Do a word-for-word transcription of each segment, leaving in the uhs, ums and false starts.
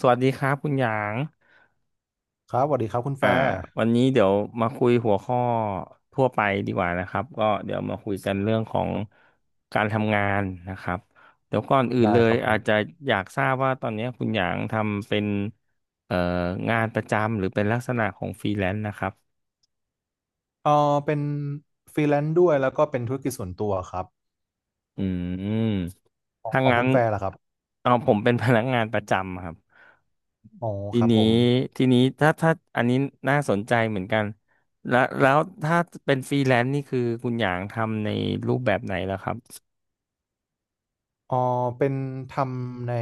สวัสดีครับคุณหยางครับสวัสดีครับคุณแฟอ่าร์วันนี้เดี๋ยวมาคุยหัวข้อทั่วไปดีกว่านะครับ ก็เดี๋ยวมาคุยกันเรื่องของการทำงานนะครับเดี๋ยวก่อนอื่นได้เลคยรับผอามจจะอยากทราบว่าตอนนี้คุณหยางทำเป็นเอ่องานประจำหรือเป็นลักษณะของฟรีแลนซ์นะครับ เออเป็นฟรีแลนซ์ด้วยแล้วก็เป็นธุรกิจส่วนตัวครับอืมของถ้าของงั้คุนณแฟร์ล่ะครับเอาผมเป็นพนักงานประจำครับอ๋อทีครับนี้ผมทีนี้ถ้าถ้าอันนี้น่าสนใจเหมือนกันแล้วแล้วถ้าเป็นฟรีแลนซ์นี่คือคุณหยางทำในรูปแบบไหนล่ะครับเออเป็นทำใน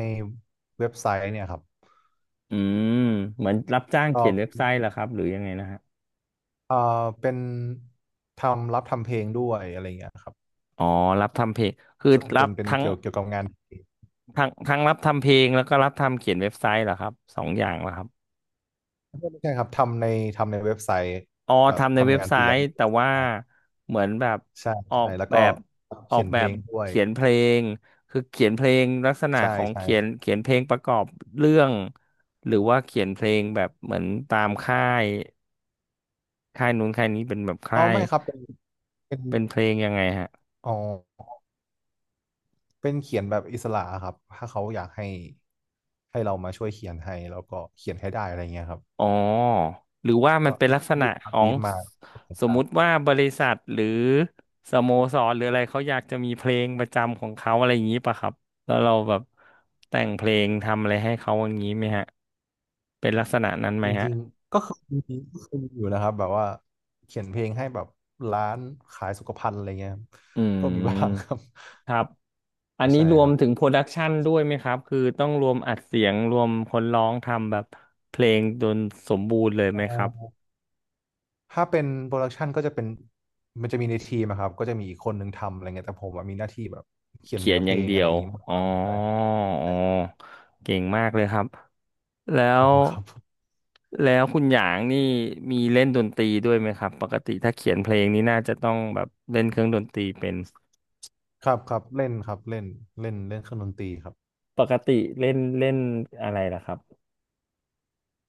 เว็บไซต์เนี่ยครับอืมเหมือนรับจ้างก็เขียนเว็บไซต์เหรอครับหรือยังไงนะฮะเออเป็นทำรับทำเพลงด้วยอะไรเงี้ยครับอ๋อรับทำเพลงคือส่วนรัเป็บนเป็นทั้งเกี่ยวเกี่ยวกับงานเพลงทั้งทั้งรับทำเพลงแล้วก็รับทำเขียนเว็บไซต์เหรอครับสองอย่างเหรอครับ ไม่ใช่ครับทำในทำในเว็บไซต์อ๋อแบบทำในเว็ทำบงานไซฟรีแลนต์ซ์แต่ว่าเหมือนแบบใช่ออใช่กแล้วแบก็บออเขีกยนเพแบลบงด้วยเขียนเพลงคือเขียนเพลงลักษณะใช่ของเขียนใช่เขียนเพลงประกอบเรื่องหรือว่าเขียนเพลงแบบเหมือนตามค่ายค่ายนู้นค่ายนี้เป็นแบบอ๋อาค่ายไม่ครับเป็นเป็นเป็นเพลงยังไงฮะ อ๋อ เป็นเขียนแบบอิสระครับถ้าเขาอยากให้ให้เรามาช่วยเขียนให้แล้วก็เขียนให้ได้อะไรเงี้ยครับอ๋อหรือว่ามันก็เป็นลักษณะลูกค้าขอบีงฟมาก็เขียนสมได้มุติว่าบริษัทหรือสโมสรหรืออะไรเขาอยากจะมีเพลงประจำของเขาอะไรอย่างนี้ป่ะครับแล้วเราแบบแต่งเพลงทำอะไรให้เขาอย่างนี้ไหมฮะเป็นลักษณะนั้นไหจมฮะริงๆก็เคยมีก็เคยมีอยู่นะครับแบบว่าเขียนเพลงให้แบบร้านขายสุขภัณฑ์อะไรเงี้ยครับอืก็มีบ้างคมรับครับอัใช่นนี้ใช่รวคมรับถึงโปรดักชันด้วยไหมครับคือต้องรวมอัดเสียงรวมคนร้องทำแบบเพลงจนสมบูรณ์เลยอ๋ไหมครับอถ้าเป็นโปรดักชันก็จะเป็นมันจะมีในทีมอะครับก็จะมีอีกคนนึงทำอะไรเงี้ยแต่ผมอะมีหน้าที่แบบเขียนเขียเนื้นอเพอลย่างงเดีอะไรยอวย่างงี้มากกอ๋อว่าคุณแต่อ๋อเก่งมากเลยครับ แล้ขอวครับ แล้วคุณหยางนี่มีเล่นดนตรีด้วยไหมครับปกติถ้าเขียนเพลงนี่น่าจะต้องแบบเล่นเครื่องดนตรีเป็นครับครับเล่นครับเล่นเล่นเล่นเครื่องดนตรีครับปกติเล่นเล่นอะไรล่ะครับ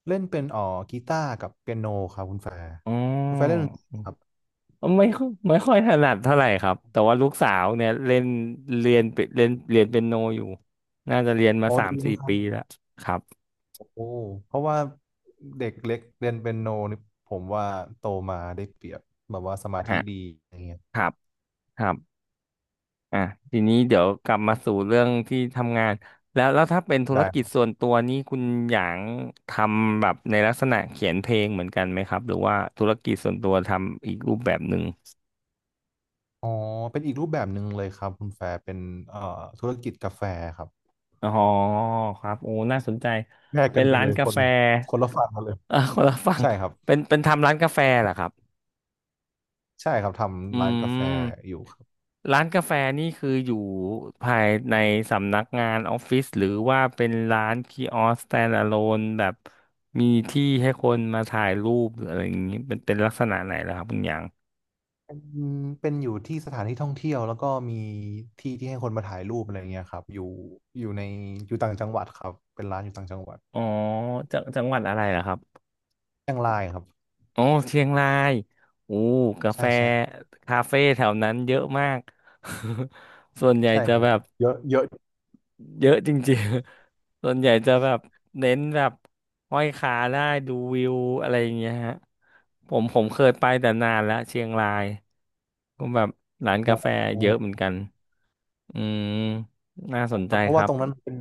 เล่นเป็นอ๋อกีตาร์กับเปียโนครับคุณแฟร์อ๋คุณแฟร์เล่นอดนตรีครับไม่ค่อยไม่ค่อยถนัดเท่าไหร่ครับแต่ว่าลูกสาวเนี่ยเล่นเรียนเปเล่นเรียนเปียโนอยู่น่าจะเรียนมาโอ้อสามดีสี่ครับปีแล้วครับโอ้เพราะว่าเด็กเล็กเรียนเปียโนนี่ผมว่าโตมาได้เปรียบแบบว่าสมาธิฮะดีอะไรเงี้ยครับครับ อ่ะทีนี้เดี๋ยวกลับมาสู่เรื่องที่ทำงานแล้วแล้วถ้าเป็นธุไดรกิจ้ส่วนตัวนี้คุณหยางทำแบบในลักษณะเขียนเพลงเหมือนกันไหมครับหรือว่าธุรกิจส่วนตัวทำอีกรูปแบบหนึ่งอ๋อเป็นอีกรูปแบบหนึ่งเลยครับคุณแฟร์เป็นเอ่อธุรกิจกาแฟครับอ๋อครับโอ้น่าสนใจแยกเป็กันนไปร้าเลนยกาคนแฟ คนละฝั่งกันเลย เออคนละฝั่งใช่ครับเป็นเป็นทำร้านกาแฟเหรอครับ ใช่ครับอืทำร้านกาแฟมอยู่ ร้านกาแฟนี่คืออยู่ภายในสำนักงานออฟฟิศหรือว่าเป็นร้านคีออส standalone แบบมีที่ให้คนมาถ่ายรูปหรืออะไรอย่างนี้เป็นเป็นลักษณะไหนล่ะครับคุณหยางเป็นเป็นอยู่ที่สถานที่ท่องเที่ยวแล้วก็มีที่ที่ให้คนมาถ่ายรูปอะไรเงี้ยครับอยู่อยู่ในอยู่ต่างจังหวัดครับเป็นร้านอยู่ต่างจังหวัดอ๋อจังจังหวัดอะไรล่ะครับเชียงรายครับอ๋อเชียงรายโอ้กาแฟใช่ใช่คาเฟ่แถวนั้นเยอะมาก ส่วนใหญ่ใช่จะครับแบบ เยอะเยอะเยอะจริงๆ ส่วนใหญ่จะแบบเน้นแบบห้อยขาได้ดูวิวอะไรอย่างเงี้ยฮะผมผมเคยไปแต่นานแล้วเชียงรายก็แบบร้านโอ้กาแฟโหเยอะเหมือนกันอืมน่าสนคใจรับเพราะคว่ารัตบรงนั้นเป็น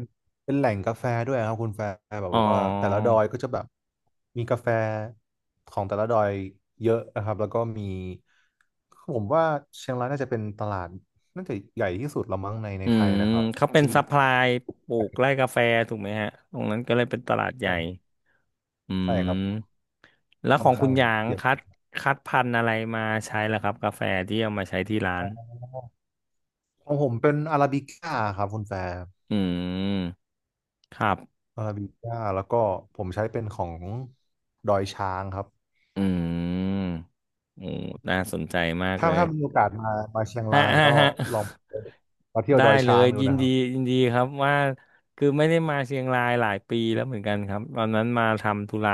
เป็นแหล่งกาแฟด้วยครับคุณแฟร์แบบอ๋อว่าแต่ละดอยก็จะแบบมีกาแฟของแต่ละดอยเยอะนะครับแล้วก็มีผมว่าเชียงรายน่าจะเป็นตลาดน่าจะใหญ่ที่สุดละมั้งในในอืไทมยนะครับเขาเป็นที่ซัพพลายใปลูกไร่ชกาแฟถูกไหมฮะตรงนั้นก็เลยเป็นตลาดใหญ่่อืใช่ครับ มแล้วค่ขออนงคุข้าณงหยางใหญ่คัดคัดพันธุ์อะไรมาใช้ล่ะครับกาแฟที่เอามาใช้ที่ร้าอ๋นอของผมเป็นอาราบิก้าครับคุณแฟร์อืมครับ อาราบิก้าแล้วก็ผมใช้เป็นของดอยช้างครับอืมโอ้น่าสนใจมากถ้าเลยถ้ามีโอกาสมามาเชียงฮะรายฮะก็ฮะ ลองมาเที่ย วได้ดอยเลช้ายงดูยินนะคดีรับยินดีครับว่าคือไม่ได้มาเชียงรายหลายปีแล้วเหมือนกันครับตอนนั้นมาทำธุระ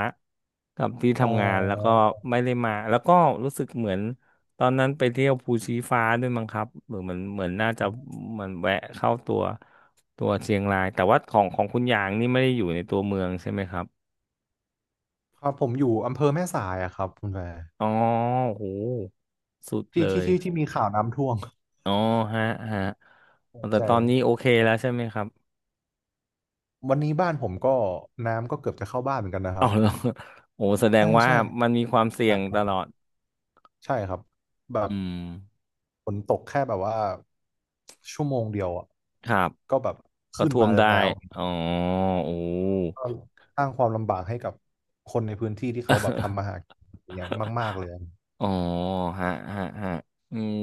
กับที่อ๋ทำงานแล้วก็อไม่ได้มาแล้วก็รู้สึกเหมือนตอนนั้นไปเที่ยวภูชีฟ้าด้วยมั้งครับหรือเหมือนเหมือนน่าจะมันแวะเข้าตัวตัวเชียงรายแต่ว่าของของคุณหยางนี่ไม่ได้อยู่ในตัวเมืองใช่ไหมครับครับผมอยู่อำเภอแม่สายอะครับคุณแฟร์อ๋อโหสุดที่เลที่ย ที่ที่มีข่าวน้ำท่วมอ๋อฮะฮะแต่ใช่ตอนนี้โอเคแล้วใช่ไหมครับวันนี้บ้านผมก็น้ำก็เกือบจะเข้าบ้านเหมือนกันนะครัเอาบแล้ว โอ้แสดงใช่ว่าใช่มันมีความหเสี่ยนังกคตรัลอบดใช่ครับแบอืบ มฝนตกแค่แบบว่าชั่วโมงเดียวอ่ะครับก็แบบประขึ้นท้วมามได้แล้วอ๋อโอ้ก็สร้างความลำบากให้กับคนในพื้นที่ที่เขาแบบทำมาหากินอย่างเงี้ยมากๆเลยอ๋อฮะฮะฮะอืม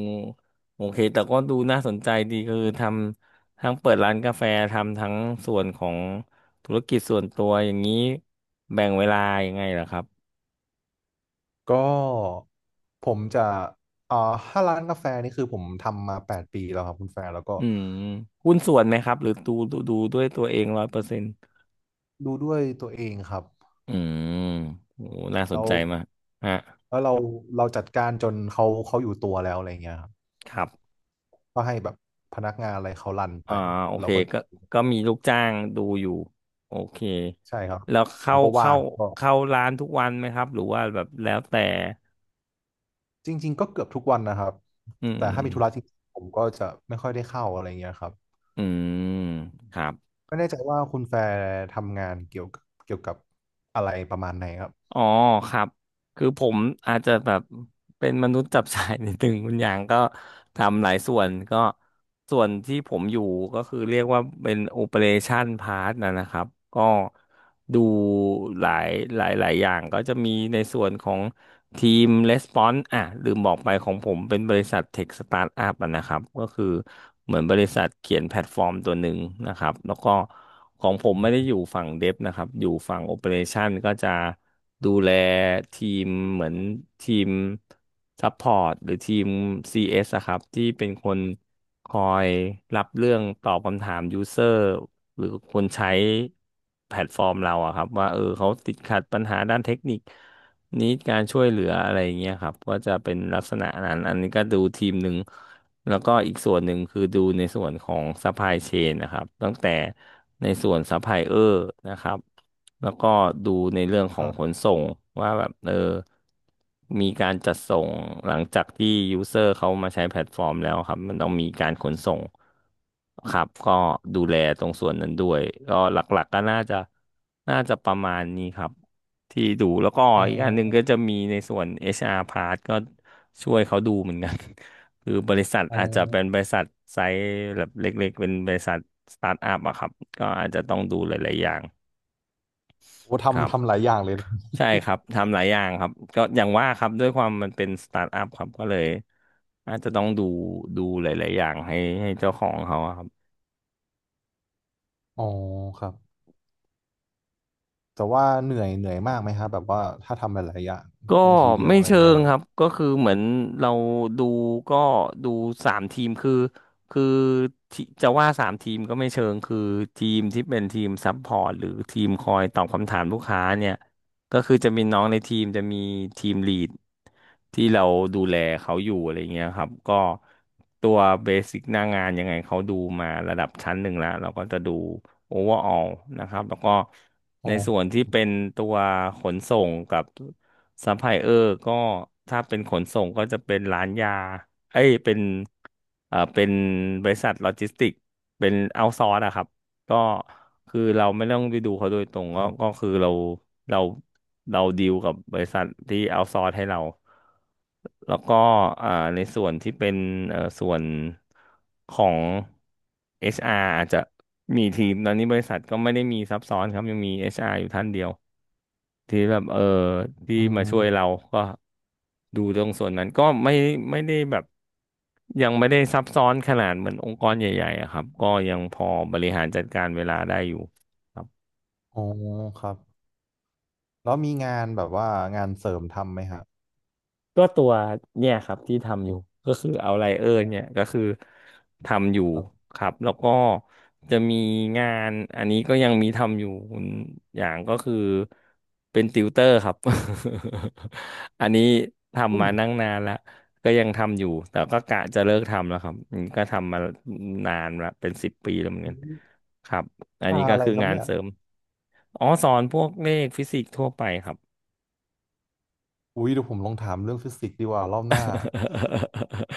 โอเคแต่ก็ดูน่าสนใจดีคือทำทั้งเปิดร้านกาแฟทำทั้งส่วนของธุรกิจส่วนตัวอย่างนี้แบ่งเวลายังไงล่ะครับก็ผมจะอ่าถ้าร้านกาแฟนี่คือผมทำมาแปดปีแล้วครับคุณแฟร์แล้วก็อืมหุ้นส่วนไหมครับหรือดูดูดูด้วยตัวเองร้อยเปอร์เซ็นต์ ดูด้วยตัวเองครับอืมโอ้น่าสแล้นวใจมากฮะแล้วเราเราจัดการจนเขาเขาอยู่ตัวแล้วอะไรเงี้ยครับครับก็ให้แบบพนักงานอะไรเขารันไปอ่าโอเราเคก็ก็ก็มีลูกจ้างดูอยู่โอเคใช่ครับแล้วผเข้ามก็ว่าเข้างก็ เข้าร้านทุกวันไหมครับ หรือว่าแบบแล้วแต่จริงๆก็เกือบทุกวันนะครับอืมแต่ถ้ามีธุระจริงๆผมก็จะไม่ค่อยได้เข้าอะไรเงี้ยครับ อืมครับ ไม่แน่ใจว่าคุณแฟร์ทำงานเกี่ยวกับเกี่ยวกับอะไรประมาณไหนครับอ๋อครับ คือผมอาจจะแบบเป็นมนุษย์จับสายนิดนึง คุณอย่างก็ทำหลายส่วนก็ส่วนที่ผมอยู่ก็คือเรียกว่าเป็นโอเปอเรชันพาร์ทนะนะครับ ก็ดูหลายหลายหลายอย่างก็จะมีในส่วนของ ทีม Response อ่ะลืมบอกไปของผมเป็นบริษัทเทคสตาร์ทอัพนะครับก็คือเหมือนบริษัทเขียนแพลตฟอร์มตัวหนึ่งนะครับแล้วก็ของผมไม่ได้อยู่ฝั่งเด v นะครับอยู่ฝั่งโอ e ป a t i o n ก็จะดูแลทีมเหมือนทีมซัพพอร์ตหรือทีม ซี เอส อสอะครับที่เป็นคนคอยรับเรื่องตอบคำถามยูเซอร์หรือคนใช้แพลตฟอร์มเราอะครับว่าเออเขาติดขัดปัญหาด้านเทคนิค นิดการช่วยเหลืออะไรอย่างเงี้ยครับก็จะเป็นลักษณะนั้นอันนี้ก็ดูทีมหนึ่งแล้วก็อีกส่วนหนึ่งคือดูในส่วนของ u p p l y chain นะครับตั้งแต่ในส่วนซัพพลายเออร์นะครับแล้วก็ดูในเรื่องขคองรัขนบส่งว่าแบบเออมีการจัดส่งหลังจากที่ยูเซอร์เขามาใช้แพลตฟอร์มแล้วครับมันต้องมีการขนส่งครับก็ดูแลตรงส่วนนั้นด้วยก็หลักๆก็น่าจะน่าจะประมาณนี้ครับ ที่ดูแล้วก็อ๋ออีกอันหนึ่งก็จะมีในส่วน เอช อาร์ part ก็ช่วยเขาดูเหมือนกัน คือบริษัทอ๋ออาจจะเป็นบริษัทไซส์แบบเล็กๆเป็นบริษัทสตาร์ทอัพอะครับก็อาจจะต้องดูหลายๆอย่างโอ้ครัทำทำบหลายอย่างเลยใช่ครับทำหลายอย่างครับก็อย่างว่าครับด้วยความมันเป็นสตาร์ทอัพครับก็เลยอาจจะต้องดูดูหลายๆอย่างให้ให้เจ้าของเขาอะครับ อ๋อครับ แต่ว่าเหนื่อยเหนื่อยมากไหมครับแบบว่าถ้าทำหลายๆอย่างก็ในทีเดียวไม่อะไรเชิเงี้งยคครับรับก็คือเหมือนเราดูก็ดูสามทีมคือคือที่จะว่าสามทีมก็ไม่เชิงคือทีมที่เป็นทีมซัพพอร์ตหรือทีมคอยตอบคำถามลูกค้าเนี่ยก็คือจะมีน้องในทีมจะมีทีมลีดที่เราดูแลเขาอยู่อะไรเงี้ยครับก็ตัวเบสิกหน้างานยังไงเขาดูมาระดับชั้นหนึ่งแล้วเราก็จะดูโอเวอร์ออลนะครับแล้วก็อ๋ในอส่วนที่เป็นตัวขนส่งกับ ซัพพลายเออร์ก็ถ้าเป็นขนส่งก็จะเป็นร้านยา เอ้ยเป็นเอ่อเป็นบริษัทโลจิสติกเป็นเอาซอร์สอะครับ ก็คือเราไม่ต้องไปดูเขาโดยตรงคก็รัก็บคือเรา เราเราดีลกับบริษัทที่เอาซอร์สให้เรา แล้วก็อ่าในส่วนที่เป็นเอ่อส่วนของ เอช อาร์ อชอาร์อาจจะมีทีมตอนนี้บริษัทก็ไม่ได้มีซับซ้อนครับยังมี เอช อาร์ อชอาร์อยู่ท่านเดียว ที่แบบเออที่อืมาช่วยเรามก็ดูตรงส่วนนั้นก็ไม่ไม่ได้แบบยังไม่ได้ซับซ้อนขนาดเหมือนองค์กรใหญ่ๆอะครับก็ยังพอบริหารจัดการเวลาได้อยู่ครับ อ๋อครับแล้วมีงานแบบว่างานเสริมทำไหมครับก็ตัวเนี่ยครับที่ทำอยู่ก็คือเอาไลเออร์เนี่ยก็คือทำอยู่ครับครับแล้วก็จะมีงานอันนี้ก็ยังมีทำอยู่อย่างก็คือเป็นติวเตอร์ครับ อันนี้ทำอุ้ยมานั่งนานแล้วก็ยังทำอยู่แต่ก็กะจะเลิกทำแล้วครับอืมก็ทำมานานละเป็นสิบปีแล้วเหมือนกันครับวิอันชานี้ก็อะไรคือครับงานเนี่ย เสริมอ๋อสอนพวกเลขฟิสิกส์ทั่วไปครับ อุ้ยเดี๋ยวผมลองถามเรื่องฟิสิกส์ดีกว่ารอบหน้า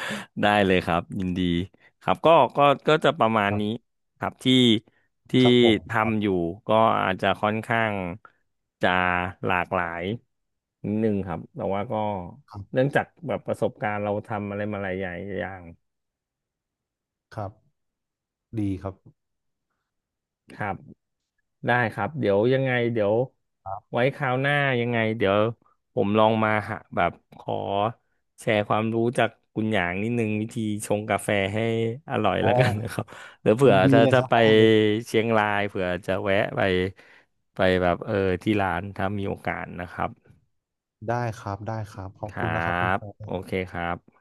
ได้เลยครับยินดีครับก็ก็ก็จะประมาณครันี้บครับที่ที่ครับผมครับทำอยู่ก็อาจจะค่อนข้างจะหลากหลายนิดนึงครับแต่ว่าก็ครัเนื่บองจากแบบประสบการณ์เราทำอะไรมาหลายอย่างครับดีครับครับ ได้ครับเดี๋ยวยังไงเดี๋ยวครับไว้คราวหน้ายังไงเดี๋ยวผมลองมาหาแบบขอแชร์ความรู้จากคุณหยางนิดนึงวิธีชงกาแฟให้อร่อยอ๋อแล้วกันนะครับ หรือยิเผื่อนดีถ้าเลยจะครับไปได้เลยเชียงรายเผื่อจะแวะไปไปแบบเออที่ร้านถ้ามีโอกาสนะครับได้ครับได้ครับขอคบรัคุณนะครับคุณบแฟโอนเคครับ